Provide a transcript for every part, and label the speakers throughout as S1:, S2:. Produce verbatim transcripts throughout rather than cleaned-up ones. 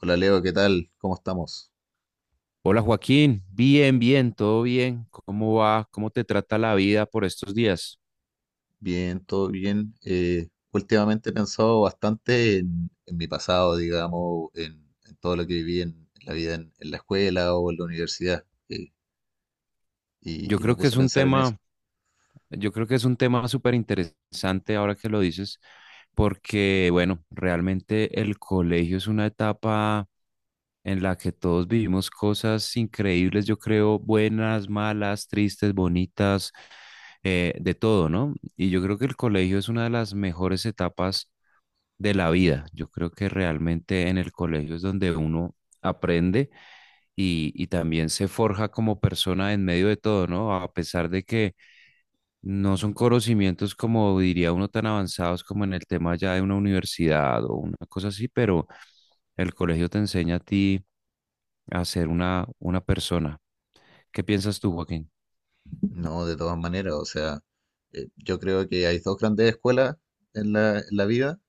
S1: Hola Leo, ¿qué tal? ¿Cómo estamos?
S2: Hola Joaquín, bien, bien, todo bien. ¿Cómo va? ¿Cómo te trata la vida por estos días?
S1: Bien, todo bien. Eh, últimamente he pensado bastante en, en mi pasado, digamos, en, en todo lo que viví en, en la vida en, en la escuela o en la universidad, eh,
S2: Yo
S1: y, y me
S2: creo que
S1: puse
S2: es
S1: a
S2: un
S1: pensar en eso.
S2: tema, yo creo que es un tema súper interesante ahora que lo dices, porque bueno, realmente el colegio es una etapa en la que todos vivimos cosas increíbles, yo creo, buenas, malas, tristes, bonitas, eh, de todo, ¿no? Y yo creo que el colegio es una de las mejores etapas de la vida. Yo creo que realmente en el colegio es donde uno aprende y, y también se forja como persona en medio de todo, ¿no? A pesar de que no son conocimientos como diría uno tan avanzados como en el tema ya de una universidad o una cosa así, pero el colegio te enseña a ti a ser una, una persona. ¿Qué piensas tú, Joaquín?
S1: No, de todas maneras, o sea, eh, yo creo que hay dos grandes escuelas en la, en la vida.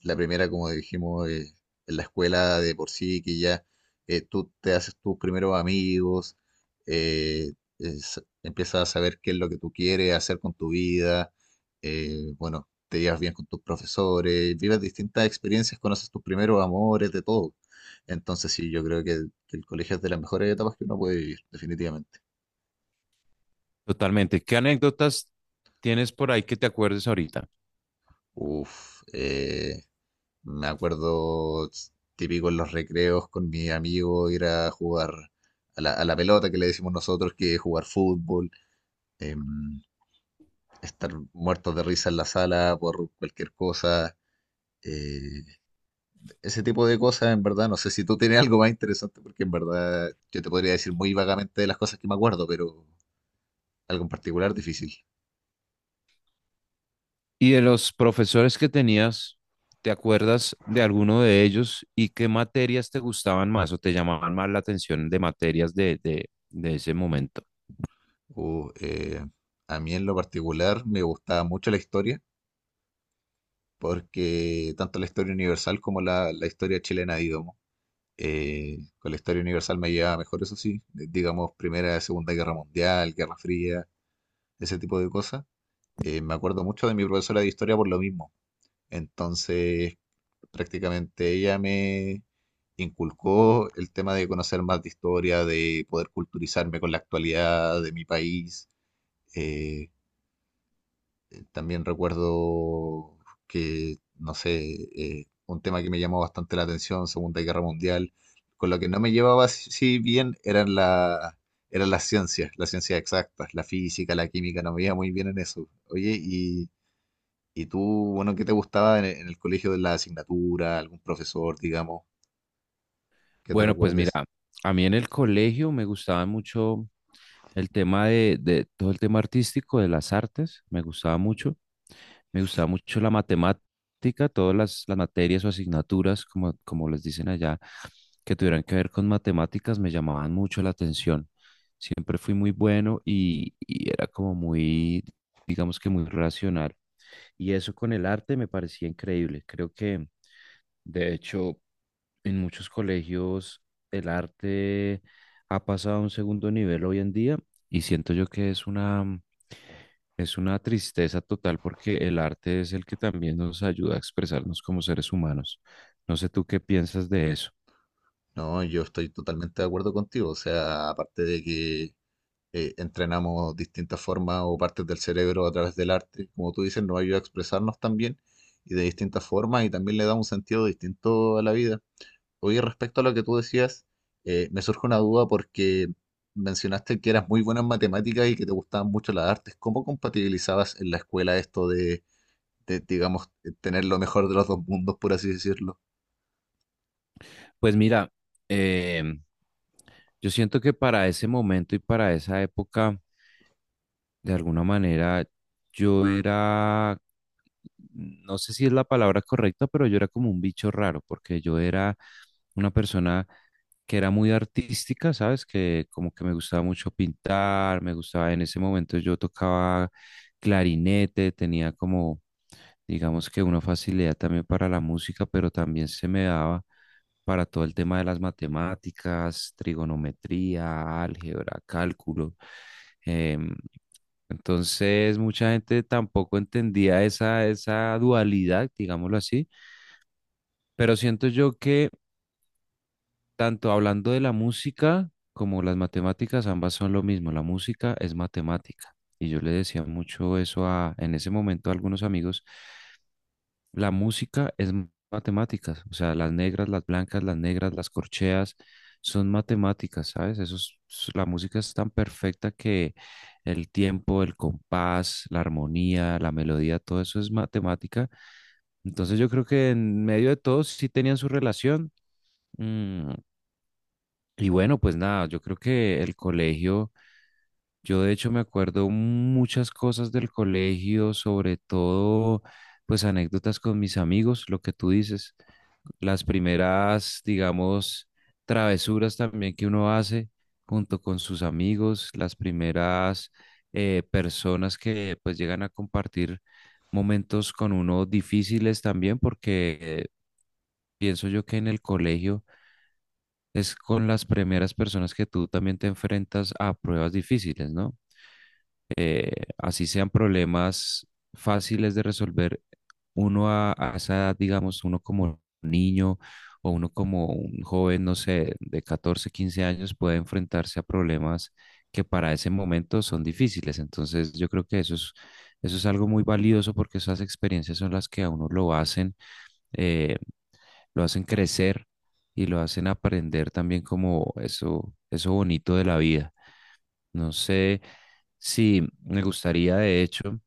S1: La primera, como dijimos, es la escuela de por sí, que ya eh, tú te haces tus primeros amigos, eh, es- empiezas a saber qué es lo que tú quieres hacer con tu vida, eh, bueno, te llevas bien con tus profesores, vives distintas experiencias, conoces tus primeros amores, de todo. Entonces, sí, yo creo que el colegio es de las mejores etapas que uno puede vivir, definitivamente.
S2: Totalmente. ¿Qué anécdotas tienes por ahí que te acuerdes ahorita?
S1: Uf, eh, me acuerdo ts- típico en los recreos con mi amigo ir a jugar a la, a la pelota que le decimos nosotros que es jugar fútbol, em, estar muertos de risa en la sala por cualquier cosa, eh, ese tipo de cosas, en verdad. No sé si tú tienes algo más interesante, porque en verdad yo te podría decir muy vagamente de las cosas que me acuerdo, pero algo en particular difícil.
S2: Y de los profesores que tenías, ¿te acuerdas de alguno de ellos y qué materias te gustaban más o te llamaban más la atención de materias de, de, de ese momento?
S1: Uh, eh, a mí en lo particular me gustaba mucho la historia porque tanto la historia universal como la, la historia chilena, digamos, eh, con la historia universal me llevaba mejor, eso sí. De- digamos, Primera, Segunda Guerra Mundial, Guerra Fría, ese tipo de cosas. Eh, me acuerdo mucho de mi profesora de historia por lo mismo. Entonces, prácticamente ella me inculcó el tema de conocer más de historia, de poder culturizarme con la actualidad de mi país. eh, También recuerdo que, no sé, eh, un tema que me llamó bastante la atención, Segunda Guerra Mundial. Con lo que no me llevaba si si bien eran la, eran las ciencias, las ciencias exactas, la física, la química, no me iba muy bien en eso. Oye, y, y tú, bueno, ¿qué te gustaba en, el en el colegio de la asignatura? ¿Algún profesor, digamos, que te
S2: Bueno, pues mira,
S1: recuerdes?
S2: a mí en el colegio me gustaba mucho el tema de, de todo el tema artístico, de las artes, me gustaba mucho. Me gustaba mucho la matemática, todas las, las materias o asignaturas, como, como les dicen allá, que tuvieran que ver con matemáticas, me llamaban mucho la atención. Siempre fui muy bueno y, y era como muy, digamos que muy racional. Y eso con el arte me parecía increíble. Creo que, de hecho, en muchos colegios el arte ha pasado a un segundo nivel hoy en día y siento yo que es una, es una tristeza total porque el arte es el que también nos ayuda a expresarnos como seres humanos. No sé tú qué piensas de eso.
S1: No, yo estoy totalmente de acuerdo contigo, o sea, aparte de que eh, entrenamos distintas formas o partes del cerebro a través del arte. Como tú dices, nos ayuda a expresarnos también y de distintas formas, y también le da un sentido distinto a la vida. Oye, respecto a lo que tú decías, eh, me surge una duda porque mencionaste que eras muy buena en matemáticas y que te gustaban mucho las artes. ¿Cómo compatibilizabas en la escuela esto de, de, digamos, eh, tener lo mejor de los dos mundos, por así decirlo?
S2: Pues mira, em, yo siento que para ese momento y para esa época de alguna manera yo era, no sé si es la palabra correcta, pero yo era como un bicho raro, porque yo era una persona que era muy artística, ¿sabes? Que como que me gustaba mucho pintar, me gustaba, en ese momento yo tocaba clarinete, tenía como, digamos que una facilidad también para la música, pero también se me daba para todo el tema de las matemáticas, trigonometría, álgebra, cálculo. em, entonces, mucha gente tampoco entendía esa, esa dualidad, digámoslo así, pero siento yo que tanto hablando de la música como las matemáticas, ambas son lo mismo, la música es matemática. Y yo le decía mucho eso a, en ese momento a algunos amigos la música es m- matemáticas, o sea, las negras, las blancas, las negras, las corcheas, son matemáticas, ¿sabes? Eso es- s- la música es tan perfecta que el tiempo, el compás, la armonía, la melodía, todo eso es matemática. Entonces yo creo que en medio de todo sí tenían su relación. mm, y bueno, pues nada, yo creo que el colegio, yo de hecho me acuerdo muchas cosas del colegio, sobre todo pues anécdotas con mis amigos, lo que tú dices las primeras, digamos, travesuras también que uno hace junto con sus amigos, las primeras eh, personas que pues llegan a compartir momentos con uno difíciles también, porque eh, pienso yo que en el colegio es con las primeras personas que tú también te enfrentas a pruebas difíciles, ¿no? eh, Así sean problemas fáciles de resolver, uno a, a esa edad, digamos, uno como niño o uno como un joven, no sé, de catorce quince años, puede enfrentarse a problemas que para ese momento son difíciles. Entonces, yo creo que eso es, eso es algo muy valioso porque esas experiencias son las que a uno lo hacen, eh, lo hacen crecer y lo hacen aprender también como eso, eso bonito de la vida. No sé si me gustaría, de hecho,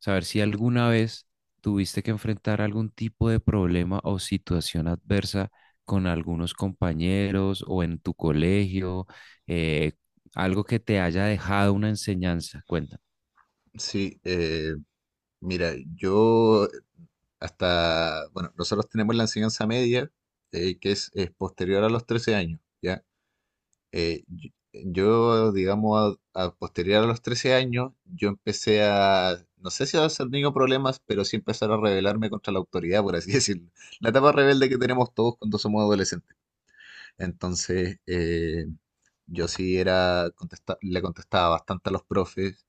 S2: saber si alguna vez tuviste que enfrentar algún tipo de problema o situación adversa con algunos compañeros o en tu colegio, eh, algo que te haya dejado una enseñanza. Cuéntame.
S1: Sí, eh, mira, yo hasta, bueno, nosotros tenemos la enseñanza media, eh, que es, es posterior a los trece años, ¿ya? Eh, yo, yo, digamos, a, a posterior a los trece años, yo empecé a, no sé si a ser niño problemas, pero sí empezar a rebelarme contra la autoridad, por así decirlo. La etapa rebelde que tenemos todos cuando somos adolescentes. Entonces, eh, yo sí era, contesta- le contestaba bastante a los profes,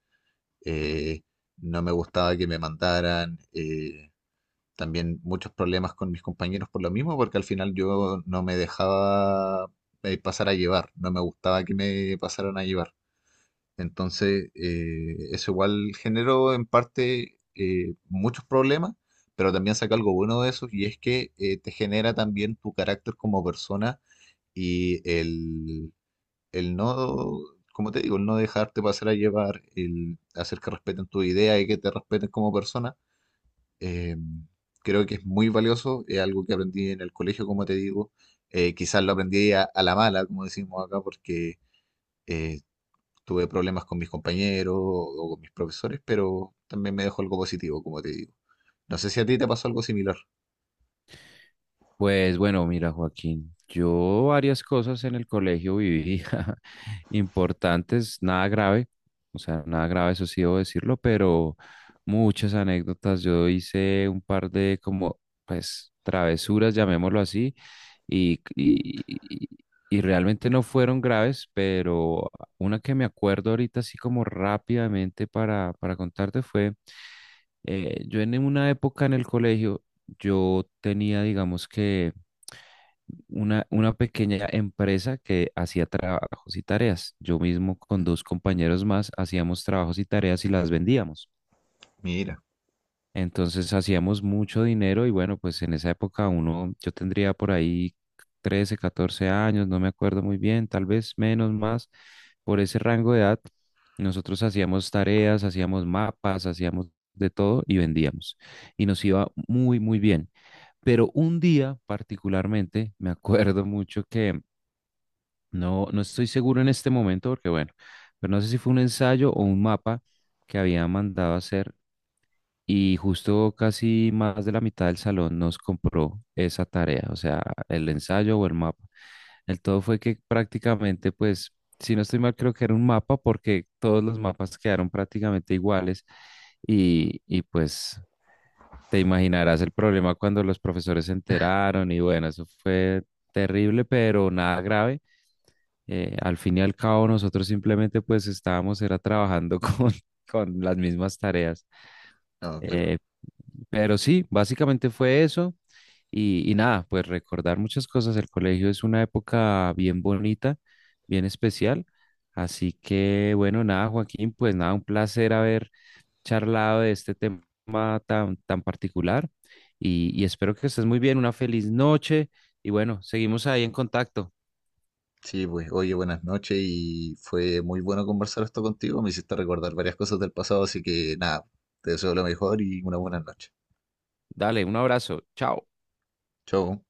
S1: eh, no me gustaba que me mandaran. Eh, también muchos problemas con mis compañeros por lo mismo, porque al final yo no me dejaba eh, pasar a llevar, no me gustaba que me pasaran a llevar. Entonces, eh, eso igual generó en parte eh, muchos problemas, pero también saca algo bueno de eso, y es que eh, te genera también tu carácter como persona. Y el, el no, como te digo, el no dejarte pasar a llevar, el hacer que respeten tu idea y que te respeten como persona, eh, creo que es muy valioso, es algo que aprendí en el colegio, como te digo. Eh, quizás lo aprendí a, a la mala, como decimos acá, porque eh, tuve problemas con mis compañeros o con mis profesores, pero también me dejó algo positivo, como te digo. No sé si a ti te pasó algo similar.
S2: Pues bueno, mira, Joaquín, yo varias cosas en el colegio viví importantes, nada grave, o sea, nada grave, eso sí debo decirlo, pero muchas anécdotas. Yo hice un par de como, pues, travesuras, llamémoslo así, y, y, y- y realmente no fueron graves, pero una que me acuerdo ahorita así como rápidamente para, para contarte fue, eh, yo en una época en el colegio, yo tenía, digamos que una, una pequeña empresa que hacía trabajos y tareas. Yo mismo con dos compañeros más hacíamos trabajos y tareas y las vendíamos.
S1: Mira,
S2: Entonces hacíamos mucho dinero y bueno, pues en esa época uno, yo tendría por ahí trece catorce años, no me acuerdo muy bien, tal vez menos, más, por ese rango de edad. Nosotros hacíamos tareas, hacíamos mapas, hacíamos de todo y vendíamos. Y nos iba muy, muy bien. Pero un día particularmente, me acuerdo mucho que no, no estoy seguro en este momento porque bueno, pero no sé si fue un ensayo o un mapa que había mandado a hacer y justo casi más de la mitad del salón nos compró esa tarea, o sea, el ensayo o el mapa. El todo fue que prácticamente, pues, si no estoy mal, creo que era un mapa porque todos los mapas quedaron prácticamente iguales y, y pues te imaginarás el problema cuando los profesores se enteraron y bueno, eso fue terrible, pero nada grave eh, al fin y al cabo nosotros simplemente pues estábamos era trabajando con, con las mismas tareas.
S1: no, claro.
S2: Eh, pero sí, básicamente fue eso y, y nada, pues recordar muchas cosas. El colegio es una época bien bonita, bien especial. Así que bueno, nada, Joaquín, pues nada, un placer haber charlado de este tema tan, tan particular y, y espero que estés muy bien, una feliz noche y bueno, seguimos ahí en contacto.
S1: Sí, pues, oye, buenas noches y fue muy bueno conversar esto contigo. Me hiciste recordar varias cosas del pasado, así que nada, te deseo lo mejor y una buena noche.
S2: Dale, un abrazo, chao.
S1: Chau.